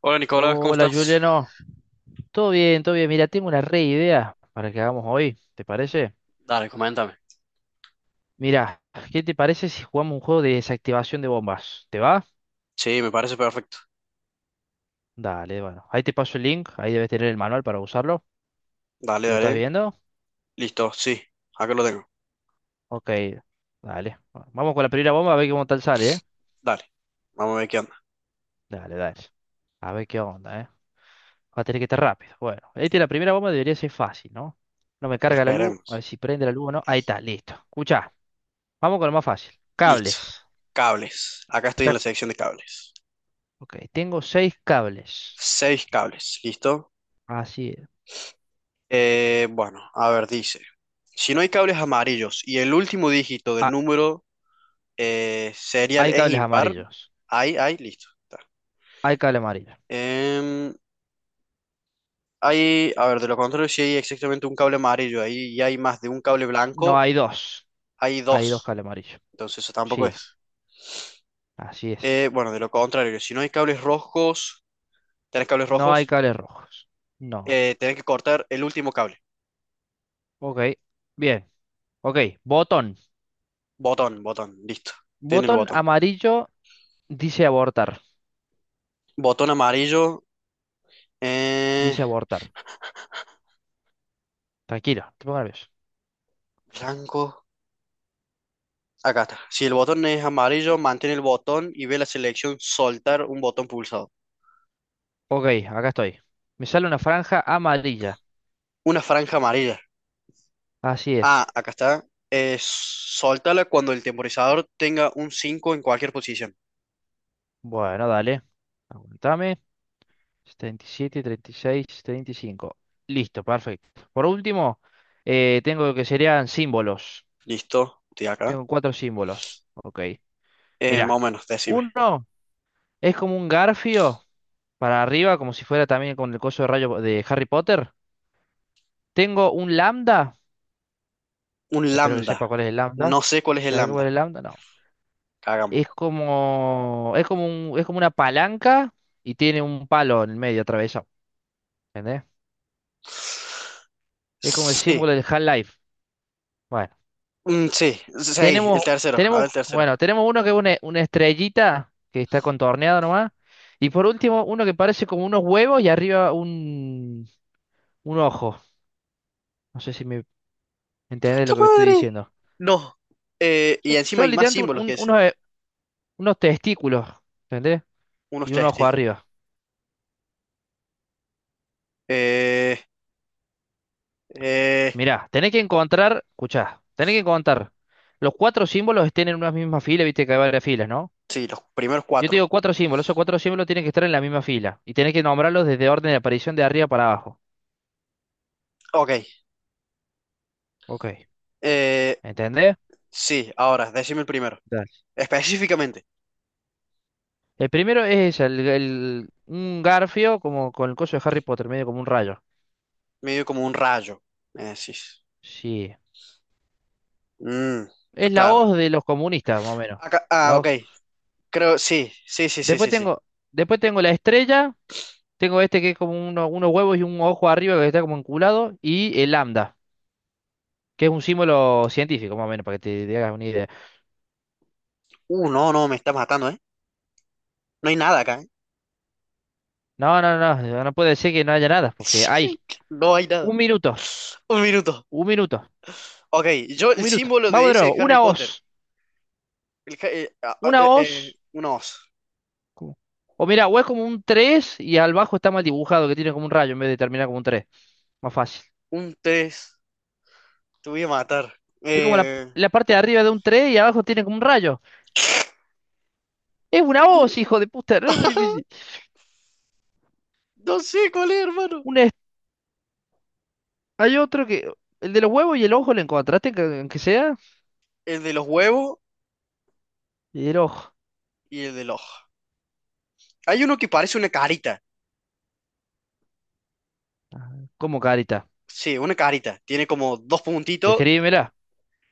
Hola Nicolás, ¿cómo Hola estás? Juliano, todo bien, todo bien. Mira, tengo una re idea para que hagamos hoy, ¿te parece? Dale, coméntame. Mira, ¿qué te parece si jugamos un juego de desactivación de bombas? ¿Te va? Sí, me parece perfecto. Dale, bueno, ahí te paso el link, ahí debes tener el manual para usarlo. Dale, ¿Lo estás dale. viendo? Listo, sí, acá lo tengo. Ok, dale. Bueno, vamos con la primera bomba a ver cómo tal sale, ¿eh? Dale, vamos a ver qué onda. Dale, dale. A ver qué onda, ¿eh? Va a tener que estar rápido. Bueno, ahí tiene la primera bomba, debería ser fácil, ¿no? No me carga la luz, Esperemos. a ver si prende la luz o no. Ahí está, listo. Escucha, vamos con lo más fácil. Listo. Cables. Cables. Acá estoy en la sección de cables. Ok, tengo seis cables. Seis cables, ¿listo? Así es. Bueno, a ver, dice. Si no hay cables amarillos y el último dígito del Ah, número serial hay es cables impar, amarillos. hay, listo. Está. Hay cable amarillo. Em, hay, a ver, de lo contrario, si hay exactamente un cable amarillo ahí y hay más de un cable No, blanco, hay dos. hay Hay dos dos. cables amarillos. Entonces eso tampoco Sí, es. así es. Bueno, de lo contrario, si no hay cables No hay rojos, cables rojos. No. Tenés que cortar el último cable. Ok, bien. Ok, botón. Botón, botón, listo. Tiene el Botón botón. amarillo dice abortar. Botón amarillo, eh, Dice abortar. Tranquilo, no te pongo nervioso. blanco. Acá está. Si el botón es amarillo, mantén el botón y ve la selección soltar un botón pulsado. Ok, acá estoy. Me sale una franja amarilla. Una franja amarilla. Así Ah, es. acá está. Soltala cuando el temporizador tenga un 5 en cualquier posición. Bueno, dale. Aguantame. 37, 36, 35. Listo, perfecto. Por último, tengo lo que serían símbolos. Listo, estoy acá. Tengo cuatro símbolos. Ok. Más Mirá. o menos, decime. Uno es como un garfio para arriba, como si fuera también con el coso de rayo de Harry Potter. Tengo un lambda. Un Espero que lambda. sepa cuál es el lambda. No sé cuál es el ¿Sabe cuál lambda. es el lambda? No. Es Cagamos. como, es como es como una palanca y tiene un palo en el medio atravesado. ¿Entendés? Es como el Sí, símbolo del Half-Life. Bueno. Sí, sí, ahí, el Tenemos, tercero. A ver, el tercero. bueno, tenemos uno que es una estrellita que está contorneado nomás. Y por último, uno que parece como unos huevos y arriba un ojo. No sé si me entendés ¡Puta lo que me estoy madre! diciendo. No. Y Son, encima son hay más literalmente símbolos que ese. unos, unos testículos, ¿entendés? Unos Y un ojo testículos. arriba. Eh, eh, Mirá, tenés que encontrar, escuchá, tenés que encontrar. Los cuatro símbolos estén en una misma fila, viste que hay varias filas, ¿no? sí, los primeros Yo te cuatro. digo cuatro símbolos, esos cuatro símbolos tienen que estar en la misma fila. Y tenés que nombrarlos desde orden de aparición de arriba para abajo. Ok. Ok. Eh, ¿Entendés? sí, ahora, decime el primero. Dale. Específicamente, El primero es ella, un garfio como con el coso de Harry Potter, medio como un rayo. medio como un rayo. Me decís. Sí. Mm, Es la claro. hoz de los comunistas, más o menos. Acá, ah, La ok. hoz. Creo, sí, sí, sí, sí, Después sí, sí. tengo, después tengo la estrella, tengo este que es como unos huevos y un ojo arriba que está como enculado, y el lambda, que es un símbolo científico, más o menos, para que te hagas una idea. No, no, me está matando, ¿eh? No hay nada acá, ¿eh? No, no, no, no puede ser que no haya nada, porque hay No hay nada. un minuto, Un minuto. un minuto, Ok, yo un el minuto. símbolo Vamos de de ese de nuevo, Harry Potter. El, ah, ah, una hoz. un os. Como... o mira, o es como un 3 y al bajo está mal dibujado, que tiene como un rayo en vez de terminar como un tres. Más fácil. Un tres. Te voy a matar. Es como Eh, la parte de arriba de un 3 y abajo tiene como un rayo. Es una hoz, hijo de puta, no es muy difícil. no sé cuál es, hermano. Un est- hay otro que. El de los huevos y el ojo, ¿le encontraste, que- aunque sea? El de los huevos Y el ojo. y el del ojo. Hay uno que parece una carita. ¿Cómo carita? Sí, una carita. Tiene como dos puntitos. Describímela.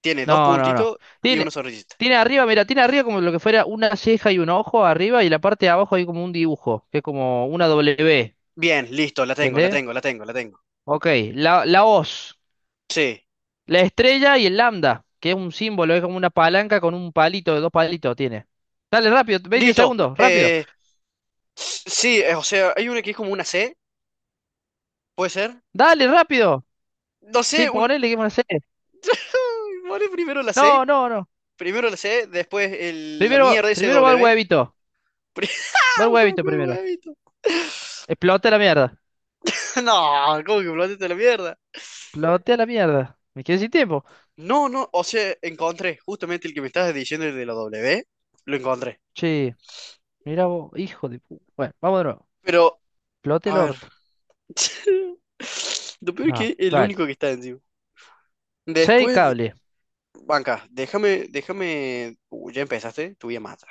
Tiene dos No, no, no. puntitos y una Tiene, sonrisita. tiene arriba, mira, tiene arriba como lo que fuera una ceja y un ojo arriba y la parte de abajo hay como un dibujo, que es como una W. Bien, listo, la tengo, la ¿Entendés? tengo, la tengo, la tengo. Ok, la hoz. Sí, La estrella y el lambda, que es un símbolo, es como una palanca con un palito, dos palitos tiene. Dale, rápido, 20 listo. segundos, rápido. Sí, o sea, hay una que es como una C, ¿puede ser? Dale, rápido. No Sí, sé, un. ponele, ¿qué a hacer? Vale, No, no, no. primero la C, después la Primero, mierda ese primero va el W huevito. SW. Va el ¿Cómo huevito que primero. huevito? Explota la mierda. No, ¿cómo que plantaste la mierda? Explote la mierda. Me quedé sin tiempo. No, no, o sea, encontré justamente el que me estabas diciendo, el de la W, lo encontré. Che, mira vos, hijo de pu-. Bueno, vamos de nuevo. Pero, Explote a el ver. orto. Lo peor es que Vamos, es el dale. único que está encima. Seis Después, cables. banca, déjame, déjame. Ya empezaste, te voy a matar.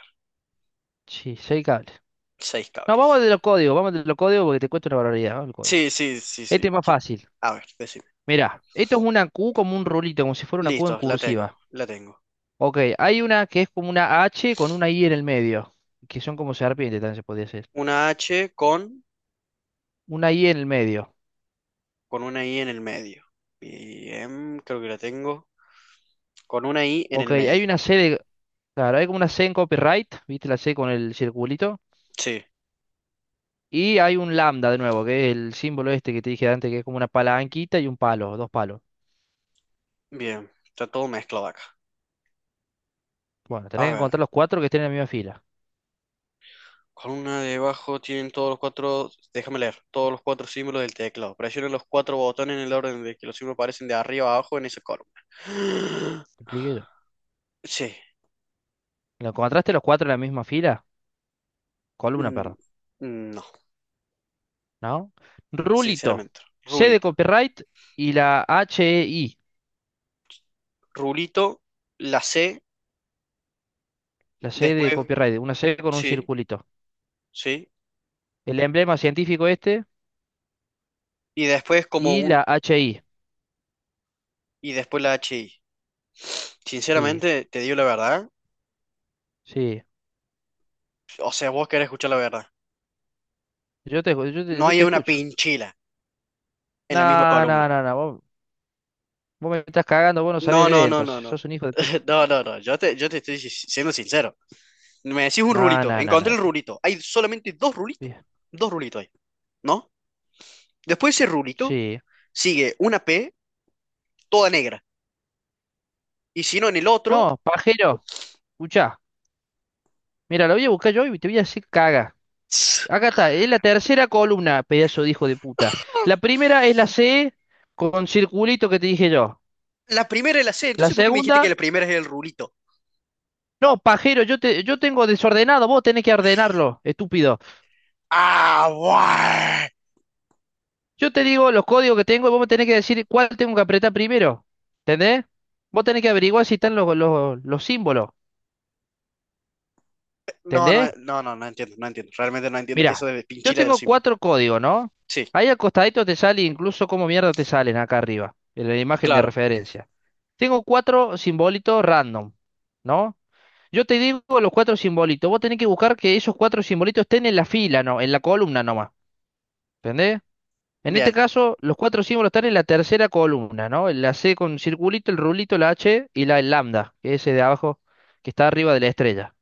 Sí, seis cables. Seis No, vamos cables. de los códigos, vamos de los códigos porque te cuesta una barbaridad. Vamos al código. Sí, sí, sí, Este sí. es más fácil. A ver, decime. Mira, esto es una Q como un rulito, como si fuera una Q en Listo, la tengo, cursiva. la tengo. Ok, hay una que es como una H con una I en el medio, que son como serpientes, también se podría hacer. Una H con, Una I en el medio. con una I en el medio. Bien, creo que la tengo. Con una I en Ok, el hay medio. una C de... claro, hay como una C en copyright, ¿viste la C con el circulito? Sí, Y hay un lambda de nuevo, que es el símbolo este que te dije antes, que es como una palanquita y un palo, dos palos. bien. Está todo mezclado acá. Bueno, tenés A que ver, encontrar los cuatro que estén en la misma fila. con una debajo tienen todos los cuatro. Déjame leer. Todos los cuatro símbolos del teclado. Presiona los cuatro botones en el orden de que los símbolos aparecen de arriba a abajo en esa columna. ¿Me expliqué yo? Sí. ¿Lo encontraste los cuatro en la misma fila? Columna, mm, perro. No, ¿No? Rulito, sinceramente. C de Rulito. copyright y la HEI, Rulito, la C, la C después. de copyright, una C con un Sí, circulito. sí. El emblema científico este Y después como y un. la HI. Y después la HI. Sí, Sinceramente, te digo la verdad. sí. O sea, vos querés escuchar la verdad. No Yo hay te una escucho. pinchila en la misma No, no, columna. no, no. Vos me estás cagando, vos no sabés No, leer, no, no, no, entonces. no. Sos un hijo de puta. No, no, no. Yo te estoy siendo sincero. Me decís un No, rulito. no, no, Encontré no. el Te- rulito. Hay solamente dos rulitos. bien. Dos rulitos hay. ¿No? Después de ese rulito Sí. sigue una P toda negra. Y si no, en el otro. No, pajero, escuchá. Mira, lo voy a buscar yo y te voy a decir caga. Acá está, es la tercera columna, pedazo de hijo de puta. La primera es la C con circulito que te dije yo. La primera es la C. La Entonces, ¿por qué me dijiste que segunda, la primera es el rulito? no, pajero, yo tengo desordenado, vos tenés que ordenarlo, estúpido. Ah, guay. Yo te digo los códigos que tengo y vos me tenés que decir cuál tengo que apretar primero. ¿Entendés? Vos tenés que averiguar si están los símbolos. No, no, ¿Entendés? no, no, no entiendo, no entiendo. Realmente no entiendo eso Mira, de yo Pinchila del tengo símbolo. cuatro códigos, ¿no? Sí, Ahí al te sale incluso cómo mierda te salen acá arriba, en la imagen de claro. referencia. Tengo cuatro simbolitos random, ¿no? Yo te digo los cuatro simbolitos. Vos tenés que buscar que esos cuatro simbolitos estén en la fila, ¿no? En la columna nomás. ¿Entendés? En este Bien. caso, los cuatro símbolos están en la tercera columna, ¿no? La C con circulito, el rulito, la H y la lambda, que es ese de abajo, que está arriba de la estrella.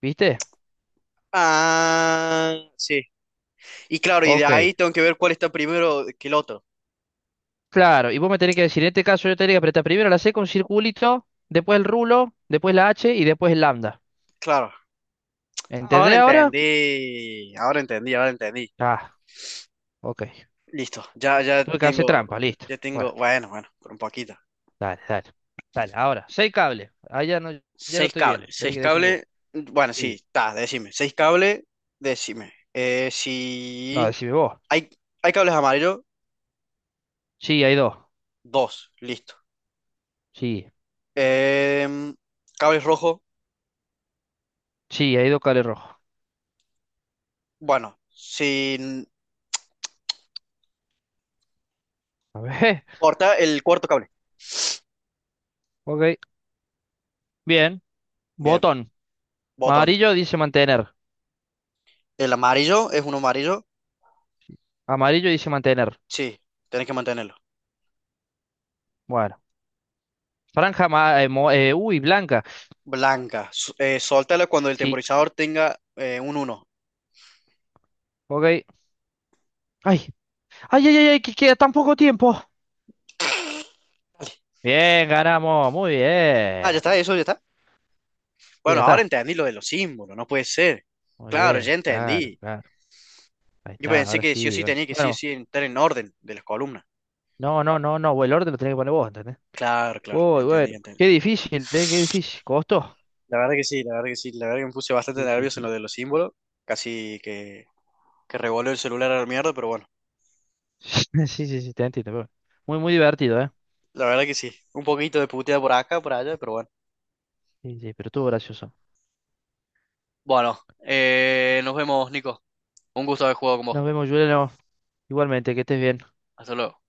¿Viste? Ah, sí. Y claro, y de ahí Ok. tengo que ver cuál está primero que el otro. Claro, y vos me tenés que decir, en este caso yo tenía que apretar primero la C con circulito, después el rulo, después la H y después el lambda. Claro. Ahora ¿Entendés ahora? entendí. Ahora entendí, ahora entendí. Ah, ok. Listo. Ya, Tuve que hacer trampa, listo. ya tengo, Bueno, bueno, bueno, por un poquito. dale, dale. Dale, ahora, seis cables. Ah, ya no, ya no Seis estoy viendo. cables, Tenés seis que decirme vos. cables. Bueno, sí, Sí. está, decime. Seis cables, decime. No, Si decime vos. hay, hay cables amarillos, Sí, hay dos. dos, listo. Sí. Em, cables rojos. Sí, hay dos cables rojos. Bueno, si A ver. corta el cuarto cable. Ok. Bien. Bien, Botón. botón. Amarillo dice mantener. El amarillo es uno amarillo. Amarillo dice mantener. Sí, tenés que mantenerlo. Bueno. Franja blanca. Blanca, suéltala cuando el Sí. temporizador tenga un uno. Ok. Ay, ay, ay, ay, ay, que queda tan poco tiempo. Bien, ganamos, muy Ah, ya bien. está, eso ya está. Sí, ya Bueno, ahora está. entendí lo de los símbolos, no puede ser. Muy Claro, ya bien, claro, entendí. claro. Ahí Yo está, pensé ahora que sí o sí, sí bueno. tenía que sí o Bueno, sí entrar en orden de las columnas. no, no, no, no, el orden lo tenés que poner vos, ¿entendés? Claro, claro, Uy, entendí, bueno, entendí. qué difícil, ¿eh? Qué difícil. ¿Costó? La verdad que sí, la verdad que sí, la verdad que me puse bastante Sí, sí, nervioso en sí. lo de los símbolos. Casi que revolvió el celular a la mierda, pero bueno. Sí, sí, sí, te entiendo. Pero bueno. Muy, muy divertido, ¿eh? La verdad que sí. Un poquito de puteada por acá, por allá, pero bueno. Sí, sí, pero estuvo gracioso. Bueno, nos vemos, Nico. Un gusto haber jugado con vos. Nos vemos, Juliano. Igualmente, que estés bien. Hasta luego.